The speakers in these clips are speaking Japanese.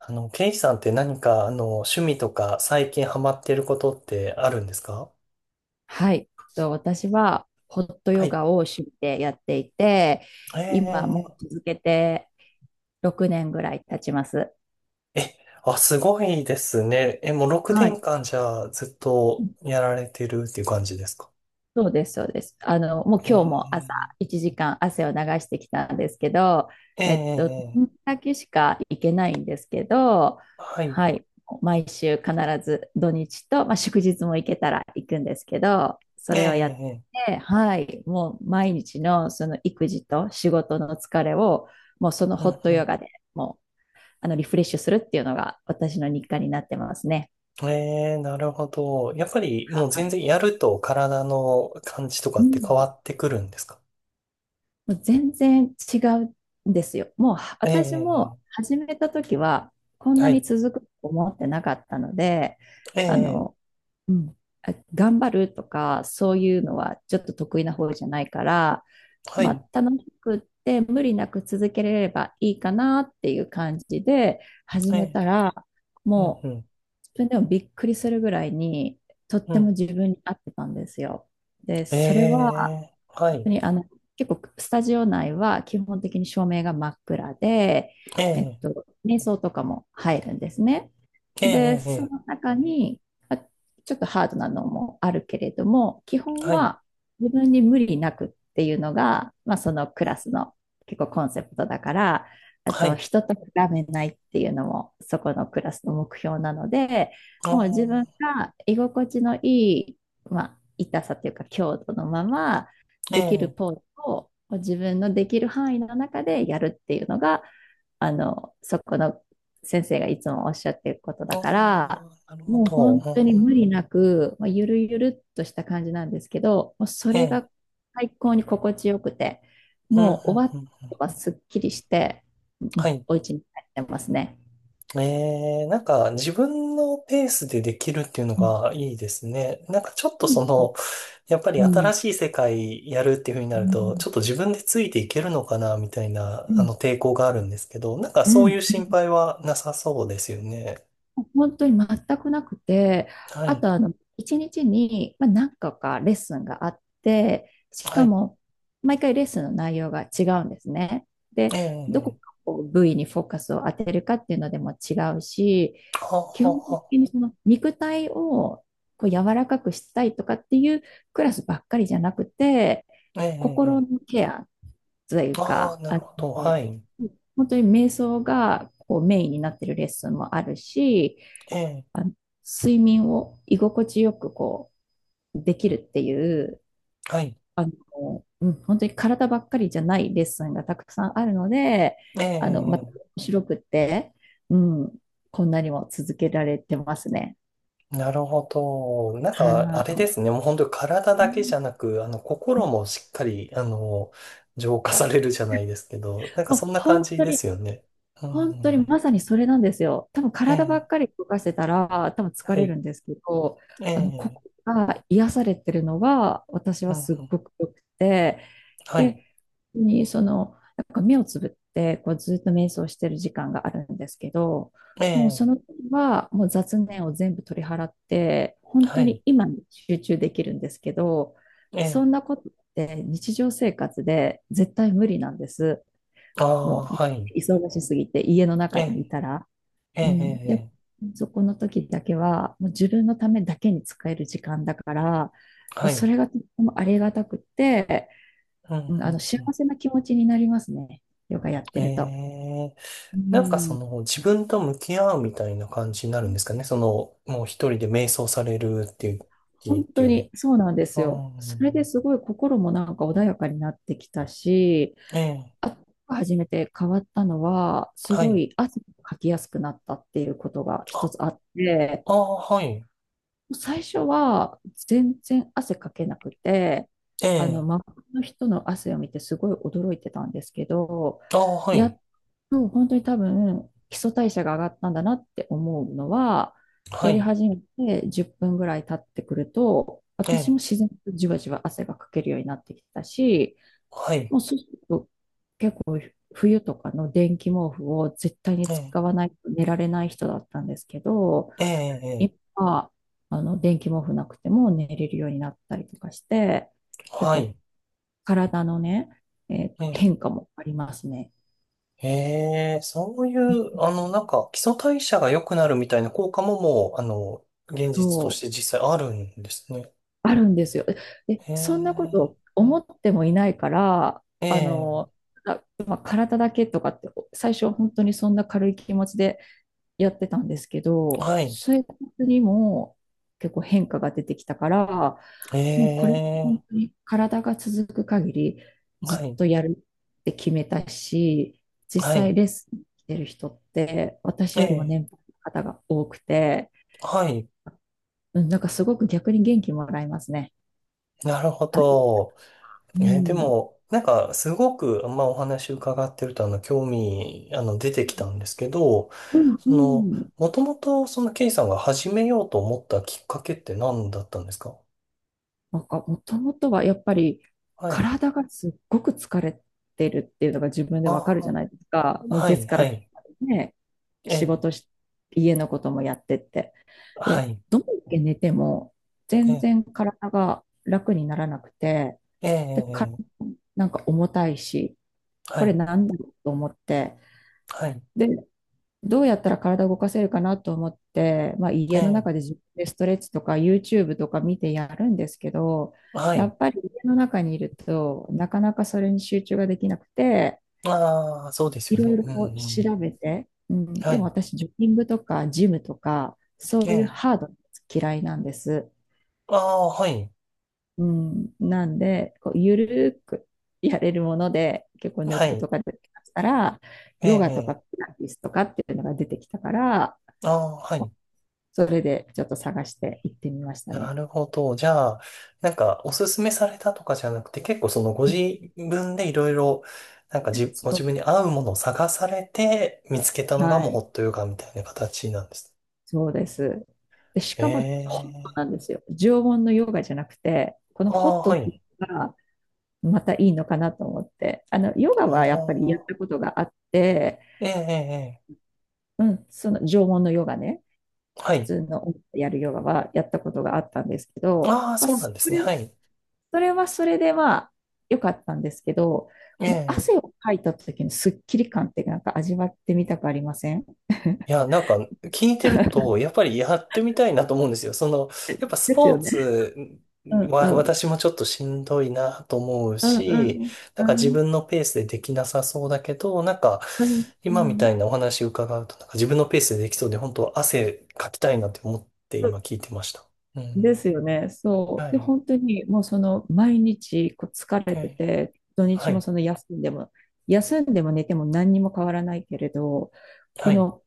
ケイさんって何か、趣味とか最近ハマってることってあるんですか？はい。と私はホットはヨい。ガを趣味でやっていて、今もえ続けて6年ぐらい経ちます。ー、え、あ、すごいですね。もう6はい。年間じゃあずっとやられてるっていう感じですか？そうです、そうです。もう今日も朝え1時間汗を流してきたんですけど、ー、ええっと、ー、えだけしか行けないんですけど、はい。はい、毎週必ず土日と、まあ、祝日も行けたら行くんですけど、えそー、れをやっえて、はい、もう毎日のその育児と仕事の疲れを、もうそのホットうんうヨん。ガでもうリフレッシュするっていうのが私の日課になってますね。なるほど。やっぱりもうあ、全然やると体の感じとかうってん、変わってくるんですか？もう全然違うんですよ。もうえー、私もえ始めた時はこんなはにい。続くと思ってなかったので、えー、あえの、うん、頑張るとかそういうのはちょっと得意な方じゃないから、はまい。あ、楽しくって無理なく続けれればいいかなっていう感じで始めえたら、うもうん自分でもびっくりするぐらいにとっうてもん。自分に合ってたんですよ。で、えそれはえ、は当い。に結構スタジオ内は基本的に照明が真っ暗で、ええ、瞑想とかも入るんですね。えで、え、えそのえ、中に、ちょっとハードなのもあるけれども、基本はい、は自分に無理なくっていうのが、まあ、そのクラスの結構コンセプトだから、あはとい。人と比べないっていうのもそこのクラスの目標なので、あもう自分ーが居心地のいい、まあ、痛さというか強度のまま、えできるえ、ポーズを自分のできる範囲の中でやるっていうのが、そこの先生がいつもおっしゃってることだあーかなら、るほもうど。本う当にんうん無理なく、まあ、ゆるゆるっとした感じなんですけど、もうそえれえ、が最高に心地よくて、うん、うん、うもうん終わうっん。たはすっきりして、うはん、い。お家に帰ってますね。ええ、なんか自分のペースでできるっていうのうん、がいいですね。なんかちょっとうそん、の、やっぱうり新ん、しい世界やるっていうふうになうると、ちん、ょっと自分でついていけるのかな、みたいな、うん。抵抗があるんですけど、なんかうそういん、う心配はなさそうですよね。本当に全くなくて、はあい、と一日にちに、まあ、何個かレッスンがあって、しはかい。も、毎回レッスンの内容が違うんですね。で、どこええかこう部位にフォーカスを当てるかっていうのでも違うし、は基本あは的にその肉体をこう柔らかくしたいとかっていうクラスばっかりじゃなくて、あええ、え心え。のケアというああ、か、なるほど。はの、い。本当に瞑想がこうメインになってるレッスンもあるし、ええ、あの睡眠を居心地よくこうできるっていう、はい。うん、本当に体ばっかりじゃないレッスンがたくさんあるので、えまたえ、面白くって、うん、こんなにも続けられてますね。なるほど。なんか、あはれでい。すね。もう本当に体うだけじん、ゃなく、心もしっかり、浄化されるじゃないですけど、なんかもそうんな感本じ当でに、すよね。う本当にん。まさにそれなんですよ。多分え体ばえ、っかり動かしてたら、多分疲はれるい。んですけど、えこえ、こが癒されてるのが、私うはんすっうん、ごく良くて、はい。で、にその、なんか目をつぶって、こうずっと瞑想してる時間があるんですけど、えもうそえ、の時はもう雑念を全部取り払って、本は当い。に今に集中できるんですけど、えそんえ、なことって日常生活で絶対無理なんです。ああ、もはい。う忙しすぎて家のえ中にえ、いたら。ええ、うええ、ん、で、ええそこの時だけはもう自分のためだけに使える時間だから、まあはそい。れがとってもありがたくて、うん、ううん、ん、幸うん。せな気持ちになりますね。ヨガええうんうんはいええはいええああはいええええええはいうんうんうやってると。んええうなんかそん。の自分と向き合うみたいな感じになるんですかね。その、もう一人で瞑想されるっていう時っ本て当いうの。にそうなんですよ。それですごい心もなんか穏やかになってきたし、うん。ええ。あと初めて変わったのは、すはごい。い汗をかきやすくなったっていうことが一あ、つあって、ああ、はい。最初は全然汗かけなくて、ええ。周りの人の汗を見てすごい驚いてたんですけど、ああ、はやい。っと本当に多分基礎代謝が上がったんだなって思うのは、はやりい。始めて10分ぐらい経ってくると、え私もえ。自然とじわじわ汗がかけるようになってきたし、はい。もうそうすると冬とかの電気毛布を絶対にええ。使わないと寝られない人だったんですけど、ええ。ええ今は、電気毛布なくても寝れるようになったりとかして、結はい。構体のね、ええ。変化もありますね。へえそういう、なんか、基礎代謝が良くなるみたいな効果ももう、現実そとしう、て実際あるんですね。あるんですよ。で、へそんなこえ。と思ってもいないから、えあの、え。まあ、体だけとかって、最初は本当にそんな軽い気持ちでやってたんですけど、はい。生活にも結構変化が出てきたから、えもうこれは本え。当に体が続く限りはずっい、とやるって決めたし、実はい、際レッスン来てる人ってえ私よりもえ、年配の方が多くて、はい、うん、なんかすごく逆に元気もらえますね。なるほあ、ど。うでん、も、なんか、すごく、まあ、お話伺ってると、興味、出てきたんですけど、うんうその、ん。もともと、その、ケイさんが始めようと思ったきっかけって何だったんですか？なんかもともとはやっぱりはい。体がすっごく疲れてるっていうのが自分であわかるじゃあ、ないですか。もうはい、月かはら金い、までね、え仕え、事し、家のこともやってって。はで、い、どんだけ寝てもえ全え、然体が楽にならなくて、えで、体え、ええもなんか重たいし、はこれい、なんだろうと思って、はい、で、どうやったら体を動かせるかなと思って、まあ、え家のえ、中で自分でストレッチとか YouTube とか見てやるんですけど、はやい。っぱり家の中にいると、なかなかそれに集中ができなくて、ああ、そうですいよろいね。ろうん、うこうん。調べて、うん、はでもい、私、ジョギングとかジムとか、そえういうえ、ハードなやつ嫌いなんです。ああ、はい、うん、なんで、こうゆるーくやれるもので、結構ネはットい。とかで探したら、ヨガとかえピえラティスとかっていうのが出てきたから、ああ、はい。それでちょっと探して行ってみましたなね。るほど。じゃあ、なんか、おすすめされたとかじゃなくて、結構そのご自分でいろいろ、なんかじ、ごそ自分う、に合うものを探されて、見つけたのがもはうホい、ットヨガみたいな形なんです。そうです。で、しえかもホットえなんですよ。常温のヨガじゃなくて、こー。のあホッあ、トはってい。いうのが、またいいのかなと思って。ヨガあはやっぱりやっあ、たことがあって、ええええええうん、その縄文のヨガね、は普い。通のやるヨガはやったことがあったんですけど、ああ、まあ、そうなんですね。はい。それはそれでまあ良かったんですけど、このえ汗えをかいた時のスッキリ感ってなんか味わってみたくありません？ いや、なんか聞いてると、やっぱりやってみたいなと思うんですよ。その、やっぱ スですポーよね。ツうんうはん。私もちょっとしんどいなと思ううんうし、ん。なんうか自ん分のペースでできなさそうだけど、なんかうん。今みたういなお話伺うと、なんか自分のペースでできそうで、本当汗かきたいなって思って今ん、聞いてました。うでん。すよね。そはう。で、い。本当にもうその毎日こう疲れはてい。て、土は日もい。その休んでも、休んでも寝ても何にも変わらないけれど、こはい。の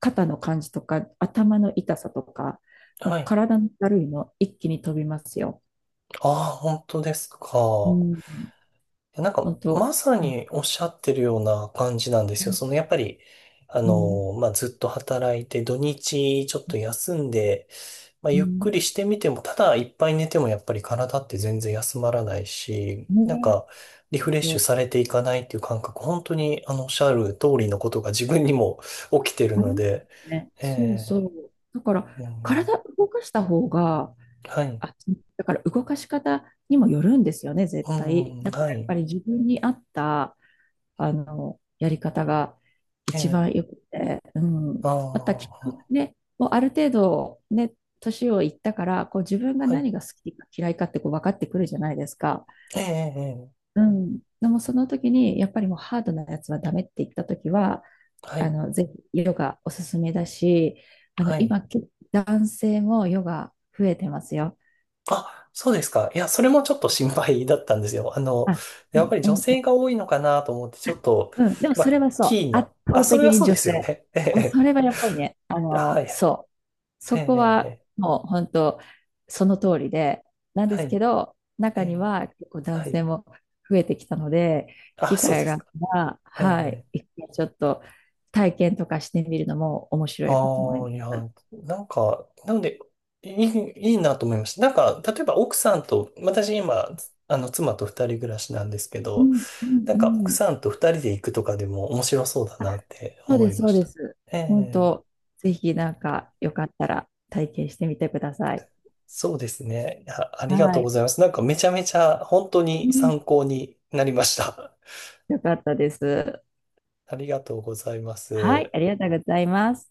肩の感じとか頭の痛さとか、もはうい。体のだるいの一気に飛びますよ。ああ、本当ですうか。ん。やなんか、本当。まさうにおっしゃってるような感じなんですよ。その、ん。やっぱり、まあ、ずっと働いて、土日ちょっと休んで、まあ、うゆっくん。りしてみても、ただいっぱい寝てもやっぱり体って全然休まらないし、ねなんえ。か、リフレッシュそされていかないっていう感覚、本当に、おっしゃる通りのことが自分にも 起きてるうあので、れね。えそうそえう。だから、うん、体動かした方が、はい、あ、だから動かし方にもよるんですよね、絶う対。ん、だかはらやっぱい、り自分に合った、やり方がえ一番えよくて、うん。あまたきっとあ、ね、もうある程度ね、年をいったから、こう自分がはい、何が好きか嫌いかってこう分かってくるじゃないですか。ええええうん。でもその時に、やっぱりもうハードなやつはダメって言った時は、はい、ぜひヨガおすすめだし、はい。今、結構男性もヨガ増えてますよ。あ、そうですか。いや、それもちょっと心配だったんですよ。あ、うやっぱん、りう女性んが多いのかなと思って、ちょっと、うん、でもまそれあ、はそう、キー圧な。あ、倒そ的れはにそう女で性。すよね。えうん、そえ。れはやっぱりね、ええあ、はいはい。そう、えそえ、こえはえ、もう本当、その通りで、なんではすけい。ど、え中にえ、は結構男はい。性も増えてきたので、あ、機そう会でがすあっか。たら、えはい、え。一回ちょっと体験とかしてみるのも面白いかと思いあまあ、す。いや、なんか、なんで、いいなと思いました。なんか、例えば奥さんと、私今、妻と二人暮らしなんですけうど、んうんなうんか奥ん。さんと二人で行くとかでも面白そうだあ、なってそう思でいす、まそうしでた。す。え本当、え。ぜひなんかよかったら体験してみてください。そうですね。あ、ありがはとうごい。ざいます。なんかめちゃめちゃ本当うにん、参考になりました。よかったです。ありがとうございまはい、す。ありがとうございます。